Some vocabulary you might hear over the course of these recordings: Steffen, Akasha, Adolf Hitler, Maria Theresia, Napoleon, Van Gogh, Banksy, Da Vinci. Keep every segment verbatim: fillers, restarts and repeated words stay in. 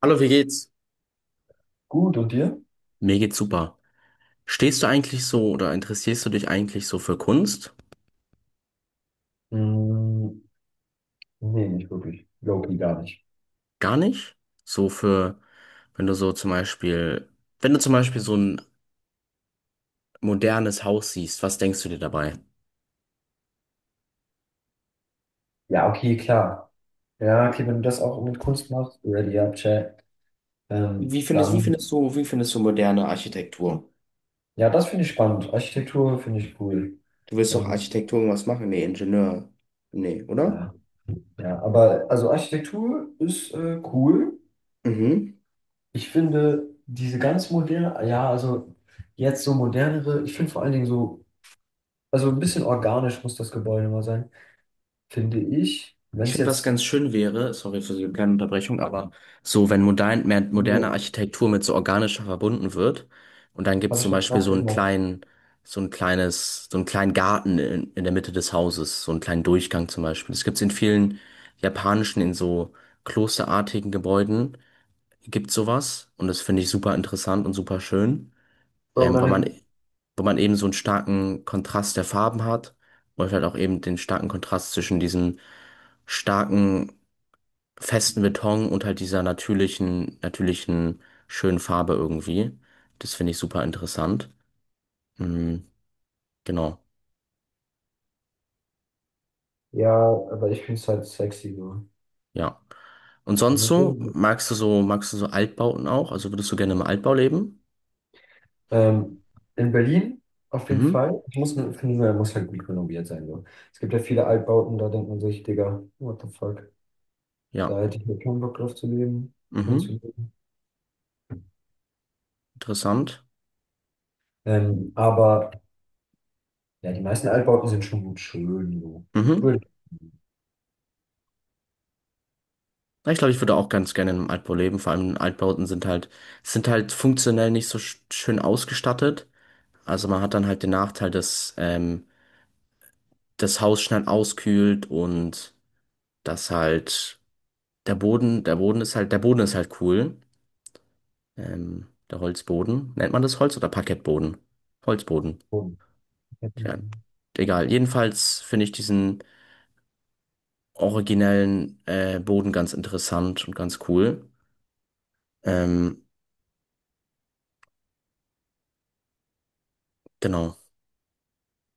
Hallo, wie geht's? Gut, und dir? Mir geht's super. Stehst du eigentlich so oder interessierst du dich eigentlich so für Kunst? Mm, nee, nicht wirklich. Loki gar nicht. Gar nicht? So für, wenn du so zum Beispiel, wenn du zum Beispiel so ein modernes Haus siehst, was denkst du dir dabei? Ja, okay, klar. Ja, okay, wenn du das auch mit Kunst machst, ready up, chat. Ähm, Wie findest, wie findest dann, du, Wie findest du moderne Architektur? ja, das finde ich spannend. Architektur finde ich cool. Du willst doch Ähm, Architektur was machen? Nee, Ingenieur. Nee, oder? ja, ja, aber also Architektur ist äh, cool. Mhm. Ich finde diese ganz moderne, ja, also jetzt so modernere, ich finde vor allen Dingen so, also ein bisschen organisch muss das Gebäude mal sein, finde ich. Wenn Ich es finde, was jetzt, ganz schön wäre, sorry für die kleine Unterbrechung, aber so, wenn modern, mehr, moderne Was Architektur mit so organischer verbunden wird und dann gibt es habe ich zum das Beispiel gerade so einen gesagt? kleinen, so ein kleines, so einen kleinen Garten in, in der Mitte des Hauses, so einen kleinen Durchgang zum Beispiel. Das gibt es in vielen japanischen, in so klosterartigen Gebäuden, gibt sowas und das finde ich super interessant und super schön, Bro, ähm, weil man, deine, weil man eben so einen starken Kontrast der Farben hat und vielleicht auch eben den starken Kontrast zwischen diesen starken festen Beton und halt dieser natürlichen, natürlichen, schönen Farbe irgendwie. Das finde ich super interessant. Mhm, genau, ja, aber ich finde es halt sexy so. ja. Und sonst Nicht so, irgendwie- magst du so, magst du so Altbauten auch? Also würdest du gerne im Altbau leben? ähm, in Berlin auf jeden Mhm, Fall. Ich muss, nur- finde nur, er muss halt gut renoviert sein. So. Es gibt ja viele Altbauten, da denkt man sich, Digga, what the fuck? ja, Da hätte ich mir keinen Bock drauf zu leben, drin zu mhm, leben. interessant. Ähm, aber ja, die meisten Altbauten sind schon gut schön. So. Mhm. Ja, ich glaube, ich würde auch ganz gerne in einem Altbau leben. Vor allem Altbauten sind halt, sind halt funktionell nicht so sch- schön ausgestattet. Also man hat dann halt den Nachteil, dass ähm, das Haus schnell auskühlt und dass halt Der Boden, der Boden ist halt, der Boden ist halt cool. Ähm, der Holzboden. Nennt man das Holz oder Parkettboden? Holzboden. Schön. Tja, egal. Jedenfalls finde ich diesen originellen äh, Boden ganz interessant und ganz cool. Ähm, genau.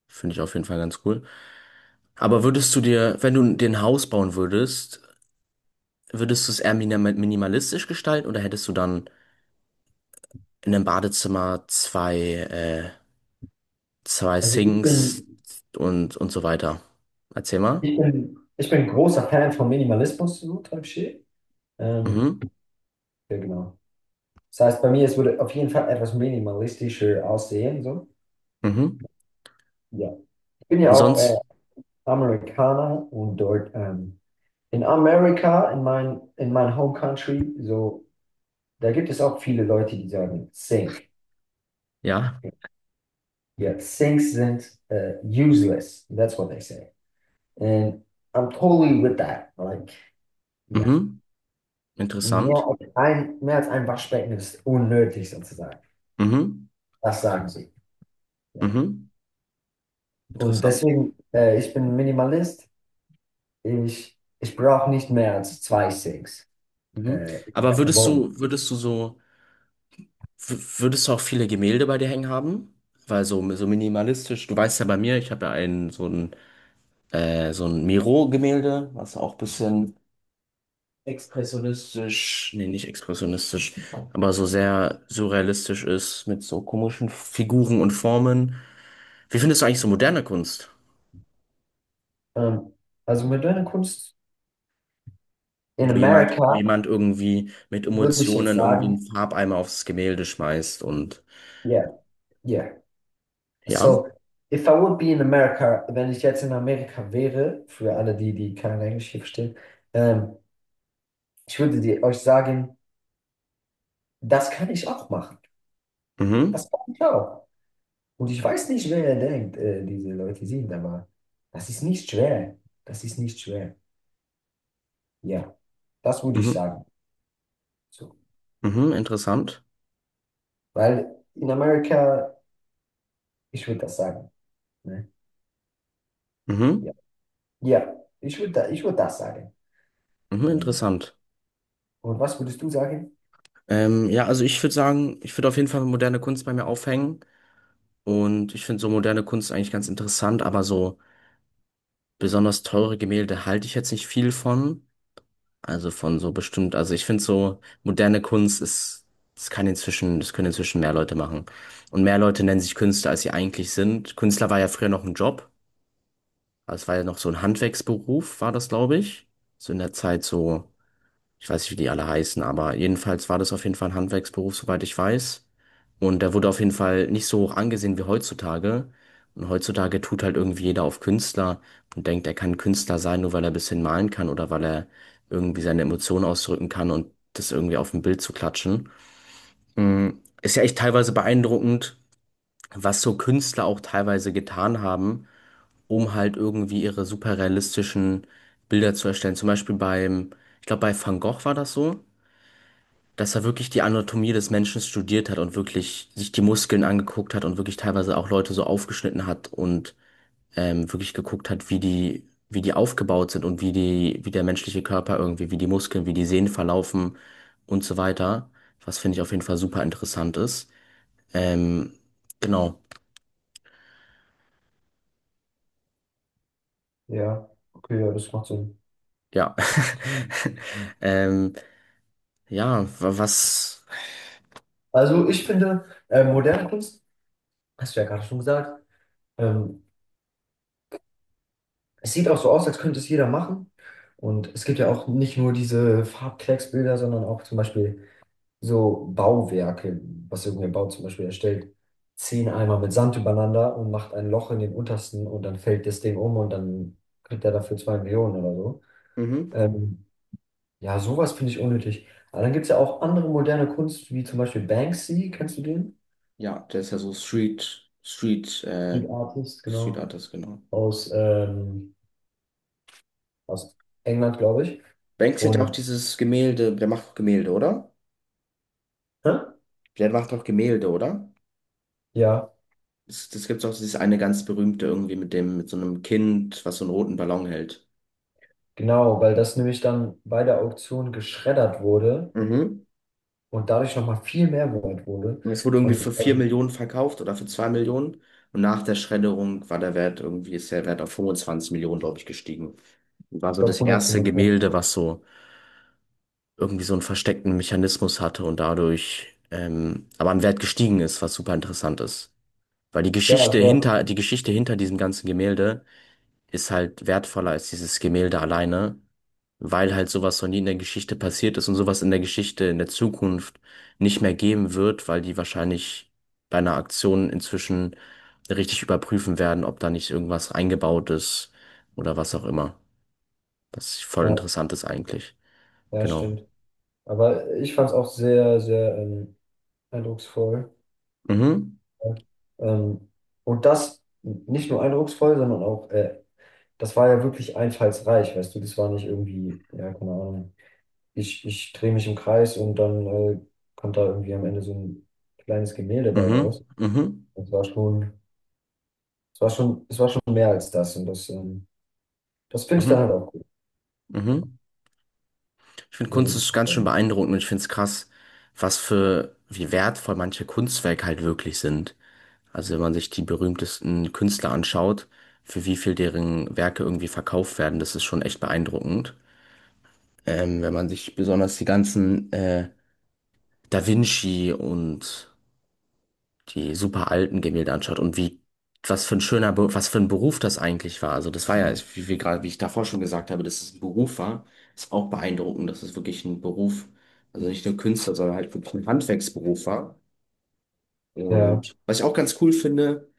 Finde ich auf jeden Fall ganz cool. Aber würdest du dir, wenn du dir ein Haus bauen würdest, würdest du es eher minima- minimalistisch gestalten oder hättest du dann in einem Badezimmer zwei, äh, zwei Also ich Sinks bin, und, und so weiter? Erzähl mal. ich bin, ich bin großer Fan von Minimalismus, so Type Shit. Ähm, Mhm. ja, genau. Das heißt, bei mir, es würde auf jeden Fall etwas minimalistischer aussehen. So. Mhm. Ja. Ich bin Und ja auch äh, sonst, Amerikaner und dort ähm, in Amerika, in mein, in mein Home Country, so, da gibt es auch viele Leute, die sagen Sink. ja, Yeah, sinks sind äh, useless. That's what they say. And I'm totally with that. Like, yeah. mhm. Mehr Interessant. als ein, mehr als ein Waschbecken ist unnötig sozusagen. Mhm. Das sagen sie. Ja. Mhm. Und Interessant. deswegen, äh, ich bin Minimalist. Ich, ich brauche nicht mehr als zwei Sinks Mhm. äh, in der Aber ganzen würdest Wohnung. du, würdest du so, w- würdest du auch viele Gemälde bei dir hängen haben? Weil so, so minimalistisch, du weißt ja bei mir, ich habe ja einen, so ein, äh, so ein Miro-Gemälde, was auch ein bisschen expressionistisch, nee, nicht expressionistisch, aber so sehr surrealistisch ist mit so komischen Figuren und Formen. Wie findest du eigentlich so moderne Kunst? Ähm, also moderne Kunst in wo jemand, Wo Amerika jemand irgendwie mit würde ich jetzt Emotionen irgendwie sagen, einen Farbeimer aufs Gemälde schmeißt und yeah, yeah. ja, So, if I would be in America, wenn ich jetzt in Amerika wäre, für alle die, die kein Englisch hier verstehen, ähm, ich würde dir euch sagen, das kann ich auch machen. mhm, Das kann ich auch. Und ich weiß nicht, wer ihr denkt, äh, diese Leute sind, aber das ist nicht schwer. Das ist nicht schwer. Ja, das würde ich mhm, sagen. So. mhm, interessant, Weil in Amerika, ich würde das sagen. Ne? mhm, Ja, ja ich würde da, ich würd das sagen. mhm, Ähm, interessant. Und was würdest du sagen? Ähm, ja, also ich würde sagen, ich würde auf jeden Fall moderne Kunst bei mir aufhängen und ich finde so moderne Kunst eigentlich ganz interessant, aber so besonders teure Gemälde halte ich jetzt nicht viel von. Also von so bestimmt, also ich finde so, moderne Kunst ist, das kann inzwischen, das können inzwischen mehr Leute machen. Und mehr Leute nennen sich Künstler, als sie eigentlich sind. Künstler war ja früher noch ein Job, also es war ja noch so ein Handwerksberuf, war das, glaube ich. So in der Zeit so. Ich weiß nicht, wie die alle heißen, aber jedenfalls war das auf jeden Fall ein Handwerksberuf, soweit ich weiß. Und der wurde auf jeden Fall nicht so hoch angesehen wie heutzutage. Und heutzutage tut halt irgendwie jeder auf Künstler und denkt, er kann Künstler sein, nur weil er ein bisschen malen kann oder weil er irgendwie seine Emotionen ausdrücken kann und das irgendwie auf ein Bild zu klatschen. Mm, Ist ja echt teilweise beeindruckend, was so Künstler auch teilweise getan haben, um halt irgendwie ihre super realistischen Bilder zu erstellen. Zum Beispiel beim, ich glaube, bei Van Gogh war das so, dass er wirklich die Anatomie des Menschen studiert hat und wirklich sich die Muskeln angeguckt hat und wirklich teilweise auch Leute so aufgeschnitten hat und ähm, wirklich geguckt hat, wie die, wie die aufgebaut sind und wie die, wie der menschliche Körper irgendwie, wie die Muskeln, wie die Sehnen verlaufen und so weiter. Was finde ich auf jeden Fall super interessant ist. Ähm, genau, Ja, okay, ja, das macht Sinn. ja. Das klingt- ähm, ja, wa- was. Also ich finde, äh, moderne Kunst, hast du ja gerade schon gesagt, ähm, es sieht auch so aus, als könnte es jeder machen. Und es gibt ja auch nicht nur diese Farbklecksbilder, sondern auch zum Beispiel so Bauwerke, was irgendein Bau zum Beispiel erstellt, zehn Eimer mit Sand übereinander und macht ein Loch in den untersten und dann fällt das Ding um und dann kriegt er dafür zwei Millionen oder so. Mhm. Ähm, ja, sowas finde ich unnötig. Aber dann gibt es ja auch andere moderne Kunst, wie zum Beispiel Banksy, kennst du den? Ja, der ist ja so Street, Street, äh, Street Artist, Street genau. Artist, genau. Aus, ähm, aus England, glaube ich. Banksy hat ja auch Und dieses Gemälde, der macht auch Gemälde, oder? Hä? Der macht auch Gemälde, oder? Ja, Das, das gibt's auch dieses eine ganz berühmte irgendwie mit dem, mit so einem Kind, was so einen roten Ballon hält. genau, weil das nämlich dann bei der Auktion geschreddert wurde Mhm. und dadurch nochmal viel mehr wert wurde. Und es wurde irgendwie für Und vier also Millionen verkauft oder für zwei Millionen. Und nach der Schredderung war der Wert irgendwie, ist der Wert auf fünfundzwanzig Millionen, glaube ich, gestiegen. War Ich so glaube das erste Gemälde, hundertfünfundzwanzig. was so irgendwie so einen versteckten Mechanismus hatte und dadurch ähm, aber an Wert gestiegen ist, was super interessant ist. Weil die Ja, Geschichte es war, hinter, die Geschichte hinter diesem ganzen Gemälde ist halt wertvoller als dieses Gemälde alleine, weil halt sowas noch nie in der Geschichte passiert ist und sowas in der Geschichte in der Zukunft nicht mehr geben wird, weil die wahrscheinlich bei einer Aktion inzwischen richtig überprüfen werden, ob da nicht irgendwas eingebaut ist oder was auch immer. Das ist voll ja, interessant ist eigentlich. ja, Genau. stimmt. Aber ich fand es auch sehr, sehr ähm, eindrucksvoll. Mhm, Ja. Ähm, und das nicht nur eindrucksvoll, sondern auch, äh, das war ja wirklich einfallsreich, weißt du, das war nicht irgendwie, ja, keine Ahnung, ich, ich drehe mich im Kreis und dann äh, kommt da irgendwie am Ende so ein kleines Gemälde bei raus. mhm, mhm, Das war schon, es war schon, es war schon mehr als das und das, ähm, das finde ich dann mhm, halt auch gut. mhm. Ich finde So Kunst würde ich ist ganz schön sagen. beeindruckend und ich finde es krass, was für, wie wertvoll manche Kunstwerke halt wirklich sind. Also wenn man sich die berühmtesten Künstler anschaut, für wie viel deren Werke irgendwie verkauft werden, das ist schon echt beeindruckend. Ähm, wenn man sich besonders die ganzen äh, Da Vinci und die super alten Gemälde anschaut und wie was für ein schöner, Be was für ein Beruf das eigentlich war. Also das war ja, wie wir gerade, wie ich davor schon gesagt habe, dass es ein Beruf war, ist auch beeindruckend, dass es wirklich ein Beruf, also nicht nur Künstler, sondern halt wirklich ein Handwerksberuf war. Ja, Und was ich auch ganz cool finde,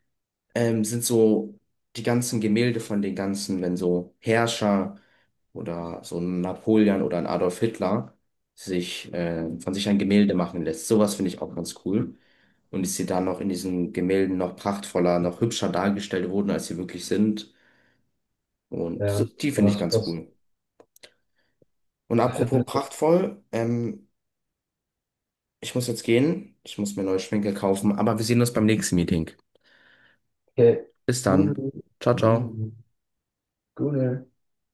ähm, sind so die ganzen Gemälde von den ganzen, wenn so Herrscher oder so ein Napoleon oder ein Adolf Hitler sich äh, von sich ein Gemälde machen lässt. Sowas finde ich auch ganz cool. Und ich sie da noch in diesen Gemälden noch prachtvoller, noch hübscher dargestellt wurden, als sie wirklich sind. Und so, ja. die finde ich Was, ganz was cool. Und apropos findest du? prachtvoll, ähm, ich muss jetzt gehen. Ich muss mir neue Schminke kaufen, aber wir sehen uns beim nächsten Meeting. Okay. Bis dann. Google, Ciao, ciao. Google, Google.